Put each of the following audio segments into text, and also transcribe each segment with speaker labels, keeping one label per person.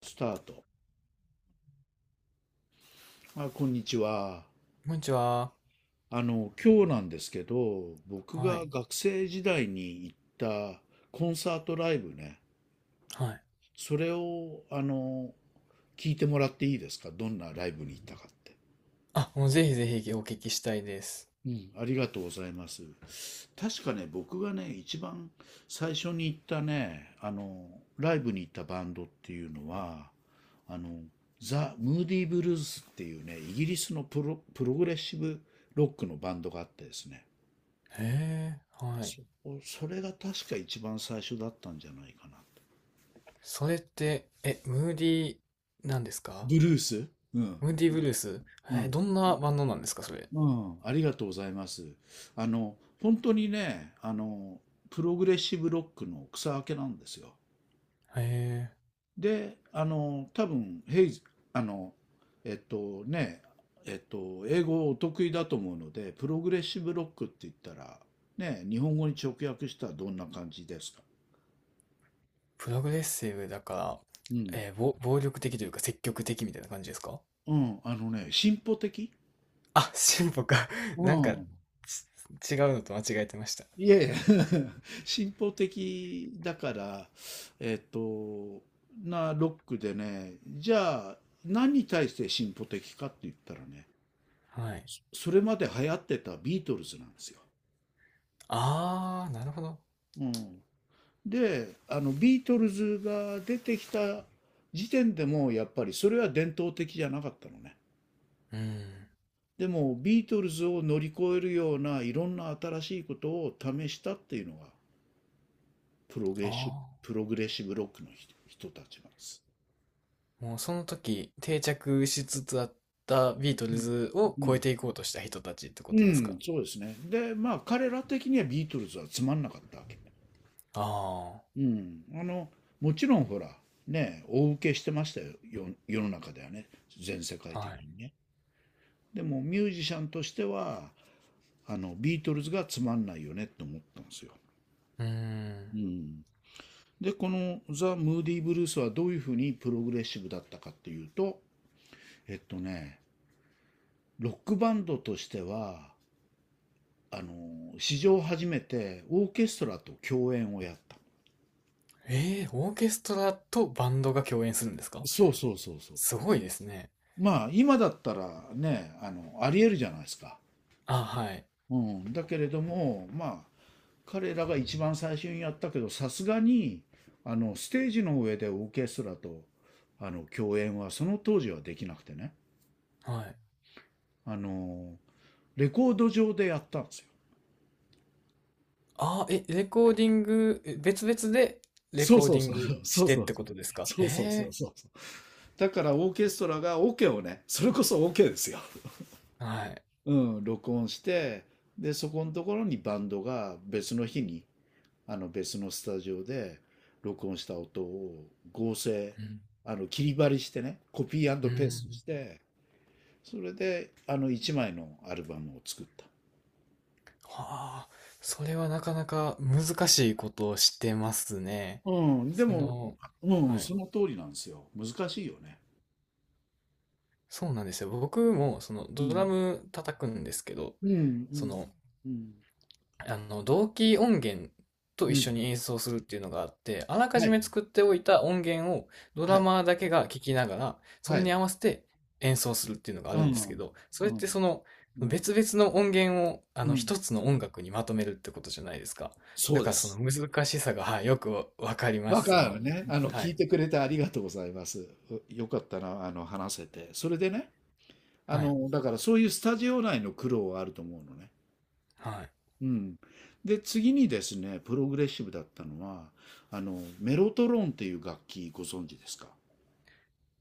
Speaker 1: スタート。あ、こんにちは。
Speaker 2: こんにちは。
Speaker 1: 今日なんですけど、僕
Speaker 2: は
Speaker 1: が
Speaker 2: い。
Speaker 1: 学生時代に行ったコンサートライブね、
Speaker 2: はい。
Speaker 1: それを、聞いてもらっていいですか？どんなライブに行ったかって。
Speaker 2: あ、もうぜひぜひお聞きしたいです。
Speaker 1: うん、ありがとうございます。確かね、僕がね、一番最初に行ったね、ライブに行ったバンドっていうのは、あの、ザ・ムーディー・ブルースっていうね、イギリスのプログレッシブロックのバンドがあってですね、
Speaker 2: へえ、はい。
Speaker 1: そそれが確か一番最初だったんじゃないかなと。
Speaker 2: それって、え、ムーディー、なんですか？
Speaker 1: ブルース、うん。
Speaker 2: ムーディーブルース、
Speaker 1: う
Speaker 2: え
Speaker 1: ん。
Speaker 2: どんなバンドなんですか、それ。へ
Speaker 1: うん。ありがとうございます。本当にね、プログレッシブロックの草分けなんですよ。
Speaker 2: え、
Speaker 1: で、多分、ヘイズ、あの、えっとね、英語お得意だと思うので、プログレッシブロックって言ったら、ね、日本語に直訳したらどんな感じですか？
Speaker 2: プログレッシブだから、
Speaker 1: うん。
Speaker 2: えー、ぼ暴力的というか積極的みたいな感じですか？
Speaker 1: うん、あのね、進歩的。
Speaker 2: あ、進歩か。
Speaker 1: う
Speaker 2: なんか、
Speaker 1: ん。
Speaker 2: ち違うのと間違えてました。
Speaker 1: いえいえ。 進歩的だから、えっと、なロックでね、じゃあ何に対して進歩的かって言ったらね、
Speaker 2: はい。
Speaker 1: それまで流行ってたビートルズなんですよ。
Speaker 2: あー、なるほど。
Speaker 1: うん、で、あのビートルズが出てきた時点でもやっぱりそれは伝統的じゃなかったのね。
Speaker 2: うん。
Speaker 1: でもビートルズを乗り越えるようないろんな新しいことを試したっていうのがプロゲ
Speaker 2: あ
Speaker 1: ーシ、
Speaker 2: ー、
Speaker 1: プログレッシブロックの人たちなんです。
Speaker 2: もうその時定着しつつあったビート
Speaker 1: う
Speaker 2: ル
Speaker 1: ん。
Speaker 2: ズを
Speaker 1: う
Speaker 2: 超え
Speaker 1: ん、
Speaker 2: ていこうとした人たちってこ
Speaker 1: う
Speaker 2: とですか？
Speaker 1: んそうですね。で、まあ、彼ら的にはビートルズはつまんなかったわけ。
Speaker 2: あ
Speaker 1: うん。もちろんほら、ね、大受けしてましたよ、よ世の中ではね。全世界
Speaker 2: あ、は
Speaker 1: 的
Speaker 2: い。
Speaker 1: にね。でも、ミュージシャンとしては、ビートルズがつまんないよねと思ったんですよ。
Speaker 2: うー
Speaker 1: う
Speaker 2: ん。
Speaker 1: ん。で、このザ・ムーディ・ブルースはどういうふうにプログレッシブだったかっていうと、えっとね、ロックバンドとしては、史上初めてオーケストラと共演をやった。
Speaker 2: えー、オーケストラとバンドが共演するんですか？
Speaker 1: そうそうそうそう
Speaker 2: す
Speaker 1: そう。
Speaker 2: ごいですね。
Speaker 1: まあ、今だったらね、ありえるじゃないですか。
Speaker 2: あ、はい。
Speaker 1: うん。だけれども、まあ、彼らが一番最初にやったけど、さすがに、ステージの上でオーケストラと、共演はその当時はできなくてね。
Speaker 2: はい。
Speaker 1: あの、レコード上でやったんですよ。
Speaker 2: あ、え、レコーディング、え別々でレ
Speaker 1: そう
Speaker 2: コー
Speaker 1: そ
Speaker 2: デ
Speaker 1: う
Speaker 2: ィン
Speaker 1: そう。
Speaker 2: グし
Speaker 1: そう
Speaker 2: て
Speaker 1: そ
Speaker 2: っ
Speaker 1: うそう。
Speaker 2: てことですか？
Speaker 1: そうそうそ
Speaker 2: え
Speaker 1: うそうそう。だからオーケストラがケをね、それこそオ、ケですよ。
Speaker 2: えーはい。
Speaker 1: うん、録音して、で、そこのところにバンドが別の日に、あの別のスタジオで録音した音を合成、
Speaker 2: うん。
Speaker 1: あの切り貼りしてね、コピ
Speaker 2: う
Speaker 1: ーペースト
Speaker 2: ん。
Speaker 1: して、それであの1枚のアルバムを作った。
Speaker 2: はあ、それはなかなか難しいことをしてますね。
Speaker 1: うん、で
Speaker 2: そ
Speaker 1: も、
Speaker 2: の、
Speaker 1: うん、
Speaker 2: はい。
Speaker 1: その通りなんですよ。難しいよね。
Speaker 2: そうなんですよ。僕もその
Speaker 1: う
Speaker 2: ドラ
Speaker 1: ん、
Speaker 2: ム叩くんですけど、
Speaker 1: うん、う
Speaker 2: そ
Speaker 1: ん、
Speaker 2: の、
Speaker 1: うん、
Speaker 2: あの同期音源と
Speaker 1: う
Speaker 2: 一緒
Speaker 1: ん。
Speaker 2: に演奏するっていうのがあって、あらか
Speaker 1: は
Speaker 2: じ
Speaker 1: い、
Speaker 2: め作っておいた音源をド
Speaker 1: は
Speaker 2: ラ
Speaker 1: い、
Speaker 2: マーだけが聞きながら、そ
Speaker 1: は
Speaker 2: れに
Speaker 1: い。
Speaker 2: 合わせて演奏するっていうのがあ
Speaker 1: う
Speaker 2: るんですけ
Speaker 1: ん、
Speaker 2: ど、それ
Speaker 1: う
Speaker 2: っ
Speaker 1: ん、
Speaker 2: てその
Speaker 1: うん、
Speaker 2: 別々の音源をあ
Speaker 1: う
Speaker 2: の
Speaker 1: ん。
Speaker 2: 一つの音楽にまとめるってことじゃないですか。
Speaker 1: そ
Speaker 2: だ
Speaker 1: う
Speaker 2: か
Speaker 1: で
Speaker 2: らその
Speaker 1: す。
Speaker 2: 難しさが、はい、よくわかりま
Speaker 1: わ
Speaker 2: す。そ
Speaker 1: かる
Speaker 2: の、
Speaker 1: ね。
Speaker 2: は
Speaker 1: 聞い
Speaker 2: い、
Speaker 1: てくれてありがとうございます。うよかったな、話せて。それでね、
Speaker 2: はい、
Speaker 1: だからそういうスタジオ内の苦労はあると思うのね。
Speaker 2: はい。
Speaker 1: うん。で、次にですね、プログレッシブだったのは、メロトロンっていう楽器ご存知ですか？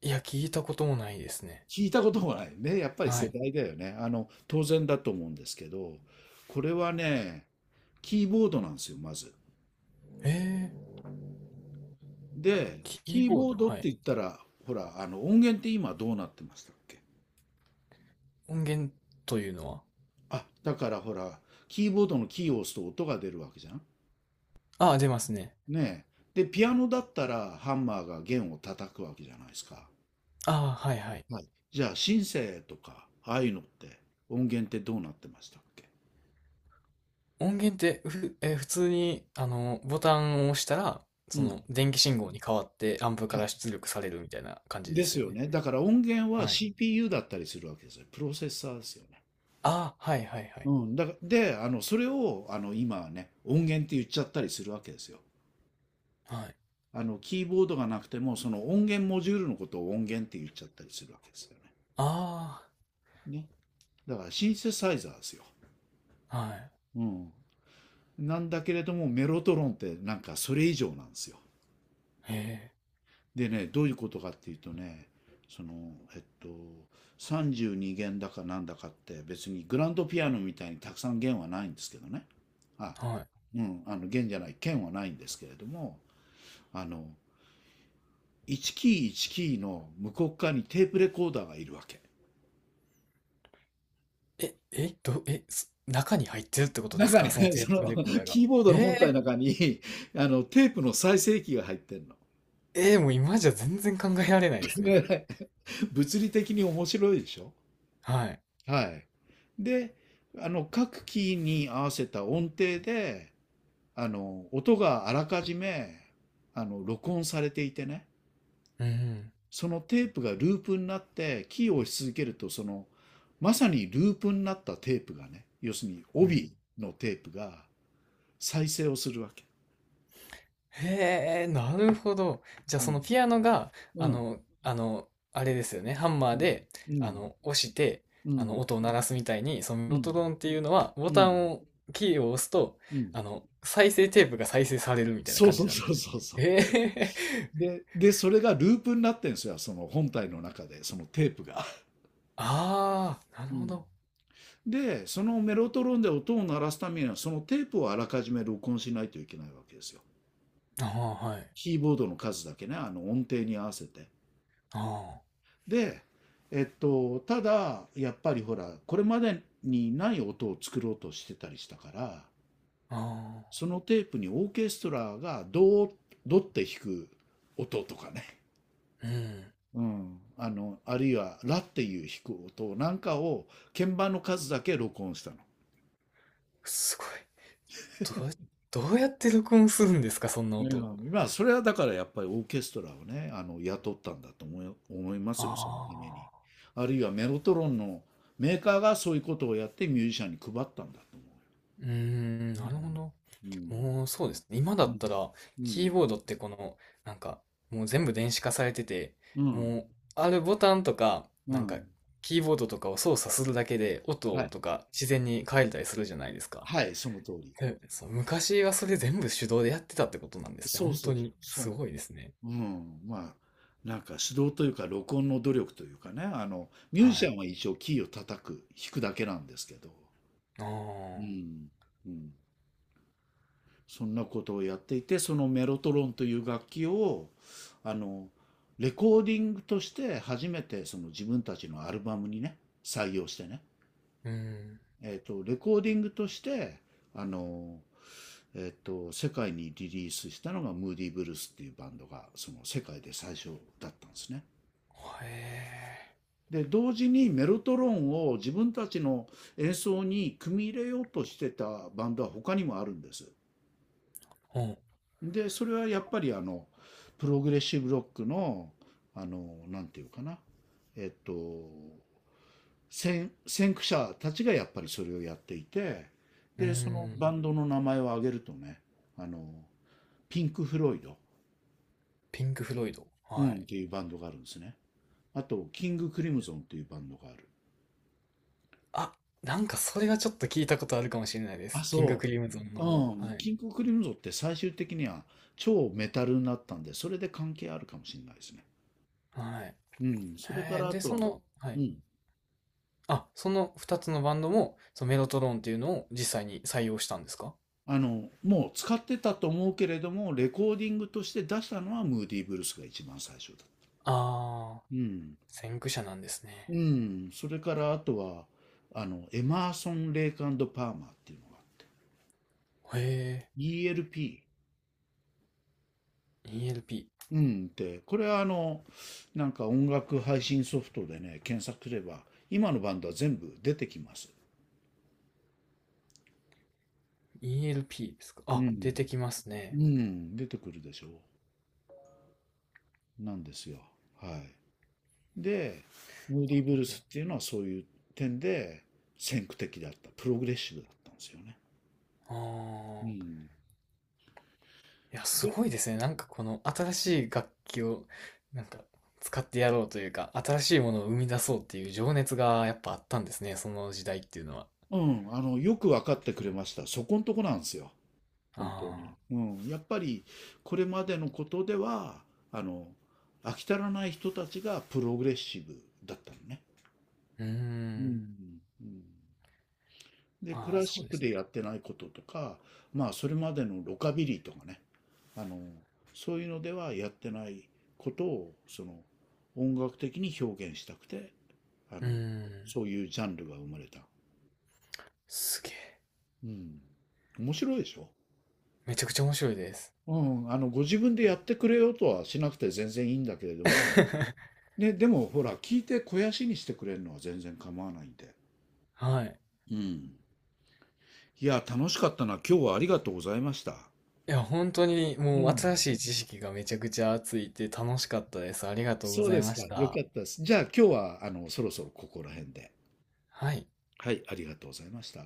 Speaker 2: いや、聞いたこともないですね。
Speaker 1: 聞いたこともないね。やっぱり
Speaker 2: は
Speaker 1: 世
Speaker 2: い。
Speaker 1: 代だよね。当然だと思うんですけど、これはね、キーボードなんですよ、まず。
Speaker 2: ええ
Speaker 1: で、
Speaker 2: キー
Speaker 1: キー
Speaker 2: ボー
Speaker 1: ボー
Speaker 2: ド、
Speaker 1: ドっ
Speaker 2: は
Speaker 1: て
Speaker 2: い。
Speaker 1: 言ったら、ほら、音源って今どうなってましたっけ？
Speaker 2: 音源というのは、
Speaker 1: あ、だからほら、キーボードのキーを押すと音が出るわけじゃん。
Speaker 2: ああ、出ますね。
Speaker 1: ねえ。で、ピアノだったらハンマーが弦を叩くわけじゃないですか。
Speaker 2: ああ、はいはい。
Speaker 1: はい。じゃあ、シンセとか、ああいうのって音源ってどうなってましたっけ？
Speaker 2: 音源ってふ、えー普通に、あの、ボタンを押したら、
Speaker 1: う
Speaker 2: そ
Speaker 1: ん。
Speaker 2: の、電気信号に変わってアンプか
Speaker 1: は
Speaker 2: ら
Speaker 1: い。
Speaker 2: 出力されるみたいな感じで
Speaker 1: で
Speaker 2: す
Speaker 1: す
Speaker 2: よ
Speaker 1: よ
Speaker 2: ね。
Speaker 1: ね。だから音源は
Speaker 2: はい。
Speaker 1: CPU だったりするわけですよ。プロセッサーですよね。
Speaker 2: ああ、はいはいは
Speaker 1: う
Speaker 2: い。
Speaker 1: ん。だからで、それを、今はね、音源って言っちゃったりするわけですよ。
Speaker 2: はい。
Speaker 1: キーボードがなくても、その音源モジュールのことを音源って言っちゃったりするわけですよね。
Speaker 2: あ
Speaker 1: ね。だからシンセサイザーですよ。
Speaker 2: あ、はい。
Speaker 1: うん。なんだけれどもメロトロンってなんかそれ以上なんですよ。
Speaker 2: へ
Speaker 1: でねどういうことかっていうとねそのえっと32弦だかなんだかって別にグランドピアノみたいにたくさん弦はないんですけどね。あ、
Speaker 2: え、は
Speaker 1: うん、あの弦じゃない、弦はないんですけれども、あの1キー1キーの向こう側にテープレコーダーがいるわけ。
Speaker 2: い。え、え、ど、え、す中に入ってるってことです
Speaker 1: 中
Speaker 2: か？
Speaker 1: に
Speaker 2: その
Speaker 1: ね、
Speaker 2: テ
Speaker 1: そ
Speaker 2: ープ
Speaker 1: の
Speaker 2: レコーダーが。
Speaker 1: キーボードの
Speaker 2: え
Speaker 1: 本体の
Speaker 2: え、
Speaker 1: 中にあのテープの再生機が入ってるの。
Speaker 2: ええ、もう今じゃ全然考えられないです
Speaker 1: 考
Speaker 2: ね。
Speaker 1: えられ、物理的に面白いでしょ？
Speaker 2: はい。
Speaker 1: はい。で、あの各キーに合わせた音程で、あの音があらかじめあの録音されていてね、
Speaker 2: うん。
Speaker 1: そのテープがループになってキーを押し続けるとそのまさにループになったテープがね、要するに帯のテープが再生をするわけ。
Speaker 2: へえ、なるほど。じゃあ
Speaker 1: う
Speaker 2: そ
Speaker 1: ん、
Speaker 2: のピアノが、
Speaker 1: う
Speaker 2: あ
Speaker 1: ん、
Speaker 2: の、あの、あれですよね。ハンマー
Speaker 1: うん、
Speaker 2: で、
Speaker 1: う
Speaker 2: あ
Speaker 1: ん、
Speaker 2: の、押して、
Speaker 1: う
Speaker 2: あの、
Speaker 1: ん、
Speaker 2: 音を鳴らすみたいに、そのメロトロンっていうのは、ボ
Speaker 1: う
Speaker 2: タ
Speaker 1: ん、
Speaker 2: ンを、キーを押すと、
Speaker 1: うん、
Speaker 2: あの、再生テープが再生されるみたいな
Speaker 1: そう
Speaker 2: 感
Speaker 1: そ
Speaker 2: じ
Speaker 1: う
Speaker 2: なんで
Speaker 1: そう
Speaker 2: すね。
Speaker 1: そうそ、
Speaker 2: へえ、
Speaker 1: で、で、それがループになってんですよ、その本体の中で、そのテープが。
Speaker 2: ああ、なる
Speaker 1: う
Speaker 2: ほ
Speaker 1: ん。
Speaker 2: ど。
Speaker 1: で、そのメロトロンで音を鳴らすためには、そのテープをあらかじめ録音しないといけないわけですよ。
Speaker 2: ああ、はい。
Speaker 1: キーボードの数だけね、あの音程に合わせて。
Speaker 2: あ
Speaker 1: で、ただ、やっぱりほら、これまでにない音を作ろうとしてたりしたから、
Speaker 2: あ、ああ、
Speaker 1: そのテープにオーケストラがドー、ドって弾く音とかね、
Speaker 2: うん。
Speaker 1: うん、あるいは、ラっていう弾く音なんかを、鍵盤の数だけ録音したの。
Speaker 2: すごい。どうや、どうやって録音するんですか、そんな
Speaker 1: う
Speaker 2: 音。
Speaker 1: ん、まあ、それはだからやっぱりオーケストラをね、雇ったんだと思いますよ、そのために。
Speaker 2: ああ。
Speaker 1: あるいはメロトロンのメーカーがそういうことをやってミュージシャンに配ったんだと思う。
Speaker 2: うーん、なるほど。
Speaker 1: うん。
Speaker 2: もうそうですね。今だ
Speaker 1: う
Speaker 2: っ
Speaker 1: ん。
Speaker 2: たら、
Speaker 1: う
Speaker 2: キー
Speaker 1: ん。
Speaker 2: ボードってこの、なんか、もう全部電子化されてて、
Speaker 1: うん。
Speaker 2: もう、あるボタンとか、
Speaker 1: う
Speaker 2: な
Speaker 1: ん。う
Speaker 2: んか、
Speaker 1: ん。
Speaker 2: キーボードとかを操作するだけで、
Speaker 1: は
Speaker 2: 音
Speaker 1: い。
Speaker 2: とか自然に変えたりするじゃないですか。
Speaker 1: はい、その通り。
Speaker 2: えそう、昔はそれ全部手動でやってたってことなんですね。
Speaker 1: そう
Speaker 2: 本
Speaker 1: そ
Speaker 2: 当
Speaker 1: う、
Speaker 2: に、す
Speaker 1: そ
Speaker 2: ごいですね。
Speaker 1: う。うん、まあ、なんか指導というか録音の努力というかね、ミュ
Speaker 2: は
Speaker 1: ージシ
Speaker 2: い。
Speaker 1: ャンは一応キーを叩く、弾くだけなんですけど、
Speaker 2: あ
Speaker 1: う
Speaker 2: あ、
Speaker 1: ん、うん。そんなことをやっていて、そのメロトロンという楽器を、あの、レコーディングとして初めてその自分たちのアルバムにね、採用してね、
Speaker 2: うん。
Speaker 1: レコーディングとして、あの、世界にリリースしたのがムーディ・ブルースっていうバンドが、その世界で最初だったんですね。
Speaker 2: へえ。
Speaker 1: で同時にメロトロンを自分たちの演奏に組み入れようとしてたバンドは他にもあるんです。
Speaker 2: うん。
Speaker 1: でそれはやっぱりあのプログレッシブロックのあのなんていうかな、えっと先駆者たちがやっぱりそれをやっていて、
Speaker 2: う
Speaker 1: でそのバ
Speaker 2: ん。
Speaker 1: ンドの名前を挙げるとね、あのピンク・フロイド、
Speaker 2: ピンク・フロイド。
Speaker 1: う
Speaker 2: は
Speaker 1: ん、っ
Speaker 2: い。
Speaker 1: ていうバンドがあるんですね。あとキング・クリムゾンっていうバンドがある。
Speaker 2: あ、なんかそれはちょっと聞いたことあるかもしれないで
Speaker 1: あ、
Speaker 2: す。キング
Speaker 1: そ
Speaker 2: クリムゾンの
Speaker 1: う。
Speaker 2: 方。
Speaker 1: う
Speaker 2: は
Speaker 1: ん、
Speaker 2: い。
Speaker 1: キングクリムゾンって最終的には超メタルになったんで、それで関係あるかもしれないですね。
Speaker 2: はい。
Speaker 1: うん、それか
Speaker 2: え
Speaker 1: ら
Speaker 2: ー
Speaker 1: あ
Speaker 2: で、
Speaker 1: と
Speaker 2: そ
Speaker 1: はね、
Speaker 2: の、は
Speaker 1: う
Speaker 2: い。
Speaker 1: ん、
Speaker 2: あ、その2つのバンドも、そのメロトロンっていうのを実際に採用したんですか？
Speaker 1: もう使ってたと思うけれども、レコーディングとして出したのはムーディーブルースが一番最初だ。
Speaker 2: ああ
Speaker 1: うん、
Speaker 2: ー、先駆者なんです
Speaker 1: う
Speaker 2: ね。
Speaker 1: ん、それからあとは、エマーソン・レイクパーマーっていうのがあって、
Speaker 2: へ
Speaker 1: ELP。
Speaker 2: え、ELP。
Speaker 1: うん、って、これはあの、なんか音楽配信ソフトでね、検索すれば、今のバンドは全部出てきます。
Speaker 2: ELP ですか。
Speaker 1: う
Speaker 2: あ、出
Speaker 1: ん。
Speaker 2: てきます
Speaker 1: う
Speaker 2: ね。
Speaker 1: ん、出てくるでしょう。なんですよ。はい。で、ムー
Speaker 2: な
Speaker 1: デ
Speaker 2: る
Speaker 1: ィ・ブル
Speaker 2: ほ
Speaker 1: ー
Speaker 2: ど。
Speaker 1: スっていうのはそういう点で先駆的だった。プログレッシブだったんですよね。う
Speaker 2: あ。
Speaker 1: ん。
Speaker 2: いや、す
Speaker 1: で、
Speaker 2: ごいですね。なんかこの新しい楽器をなんか使ってやろうというか、新しいものを生み出そうっていう情熱がやっぱあったんですね。その時代っていうのは。
Speaker 1: うん、よく分かってくれました。そこんとこなんですよ。
Speaker 2: あ
Speaker 1: 本当に。
Speaker 2: あ、
Speaker 1: うん。やっぱり、これまでのことでは、あの、飽き足らない人たちがプログレッシブだったのね。
Speaker 2: うー
Speaker 1: う
Speaker 2: ん。
Speaker 1: ん。うんで、ク
Speaker 2: まあ、
Speaker 1: ラ
Speaker 2: そ
Speaker 1: シッ
Speaker 2: うで
Speaker 1: ク
Speaker 2: す
Speaker 1: で
Speaker 2: ね。
Speaker 1: やってないこととか、まあ、それまでのロカビリーとかね、あの、そういうのではやってないことを、その、音楽的に表現したくて、あ
Speaker 2: うー
Speaker 1: の、
Speaker 2: ん。
Speaker 1: そういうジャンルが生まれた。
Speaker 2: すげえ。
Speaker 1: うん。面白いでしょ？
Speaker 2: めちゃくちゃ面白いです。
Speaker 1: うん。ご自分でやってくれようとはしなくて全然いいんだけれども、ね、でもほら、聞いて肥やしにしてくれるのは全然構わないんで。
Speaker 2: はい。
Speaker 1: うん。いや、楽しかったな。今日はありがとうございました。
Speaker 2: いや、本当に
Speaker 1: う
Speaker 2: もう
Speaker 1: ん。
Speaker 2: 新しい知識がめちゃくちゃついて楽しかったです。ありがとうご
Speaker 1: そう
Speaker 2: ざ
Speaker 1: で
Speaker 2: いま
Speaker 1: すか。
Speaker 2: し
Speaker 1: よか
Speaker 2: た。
Speaker 1: ったです。じゃあ今日は、そろそろここら辺で。
Speaker 2: はい。
Speaker 1: はい、ありがとうございました。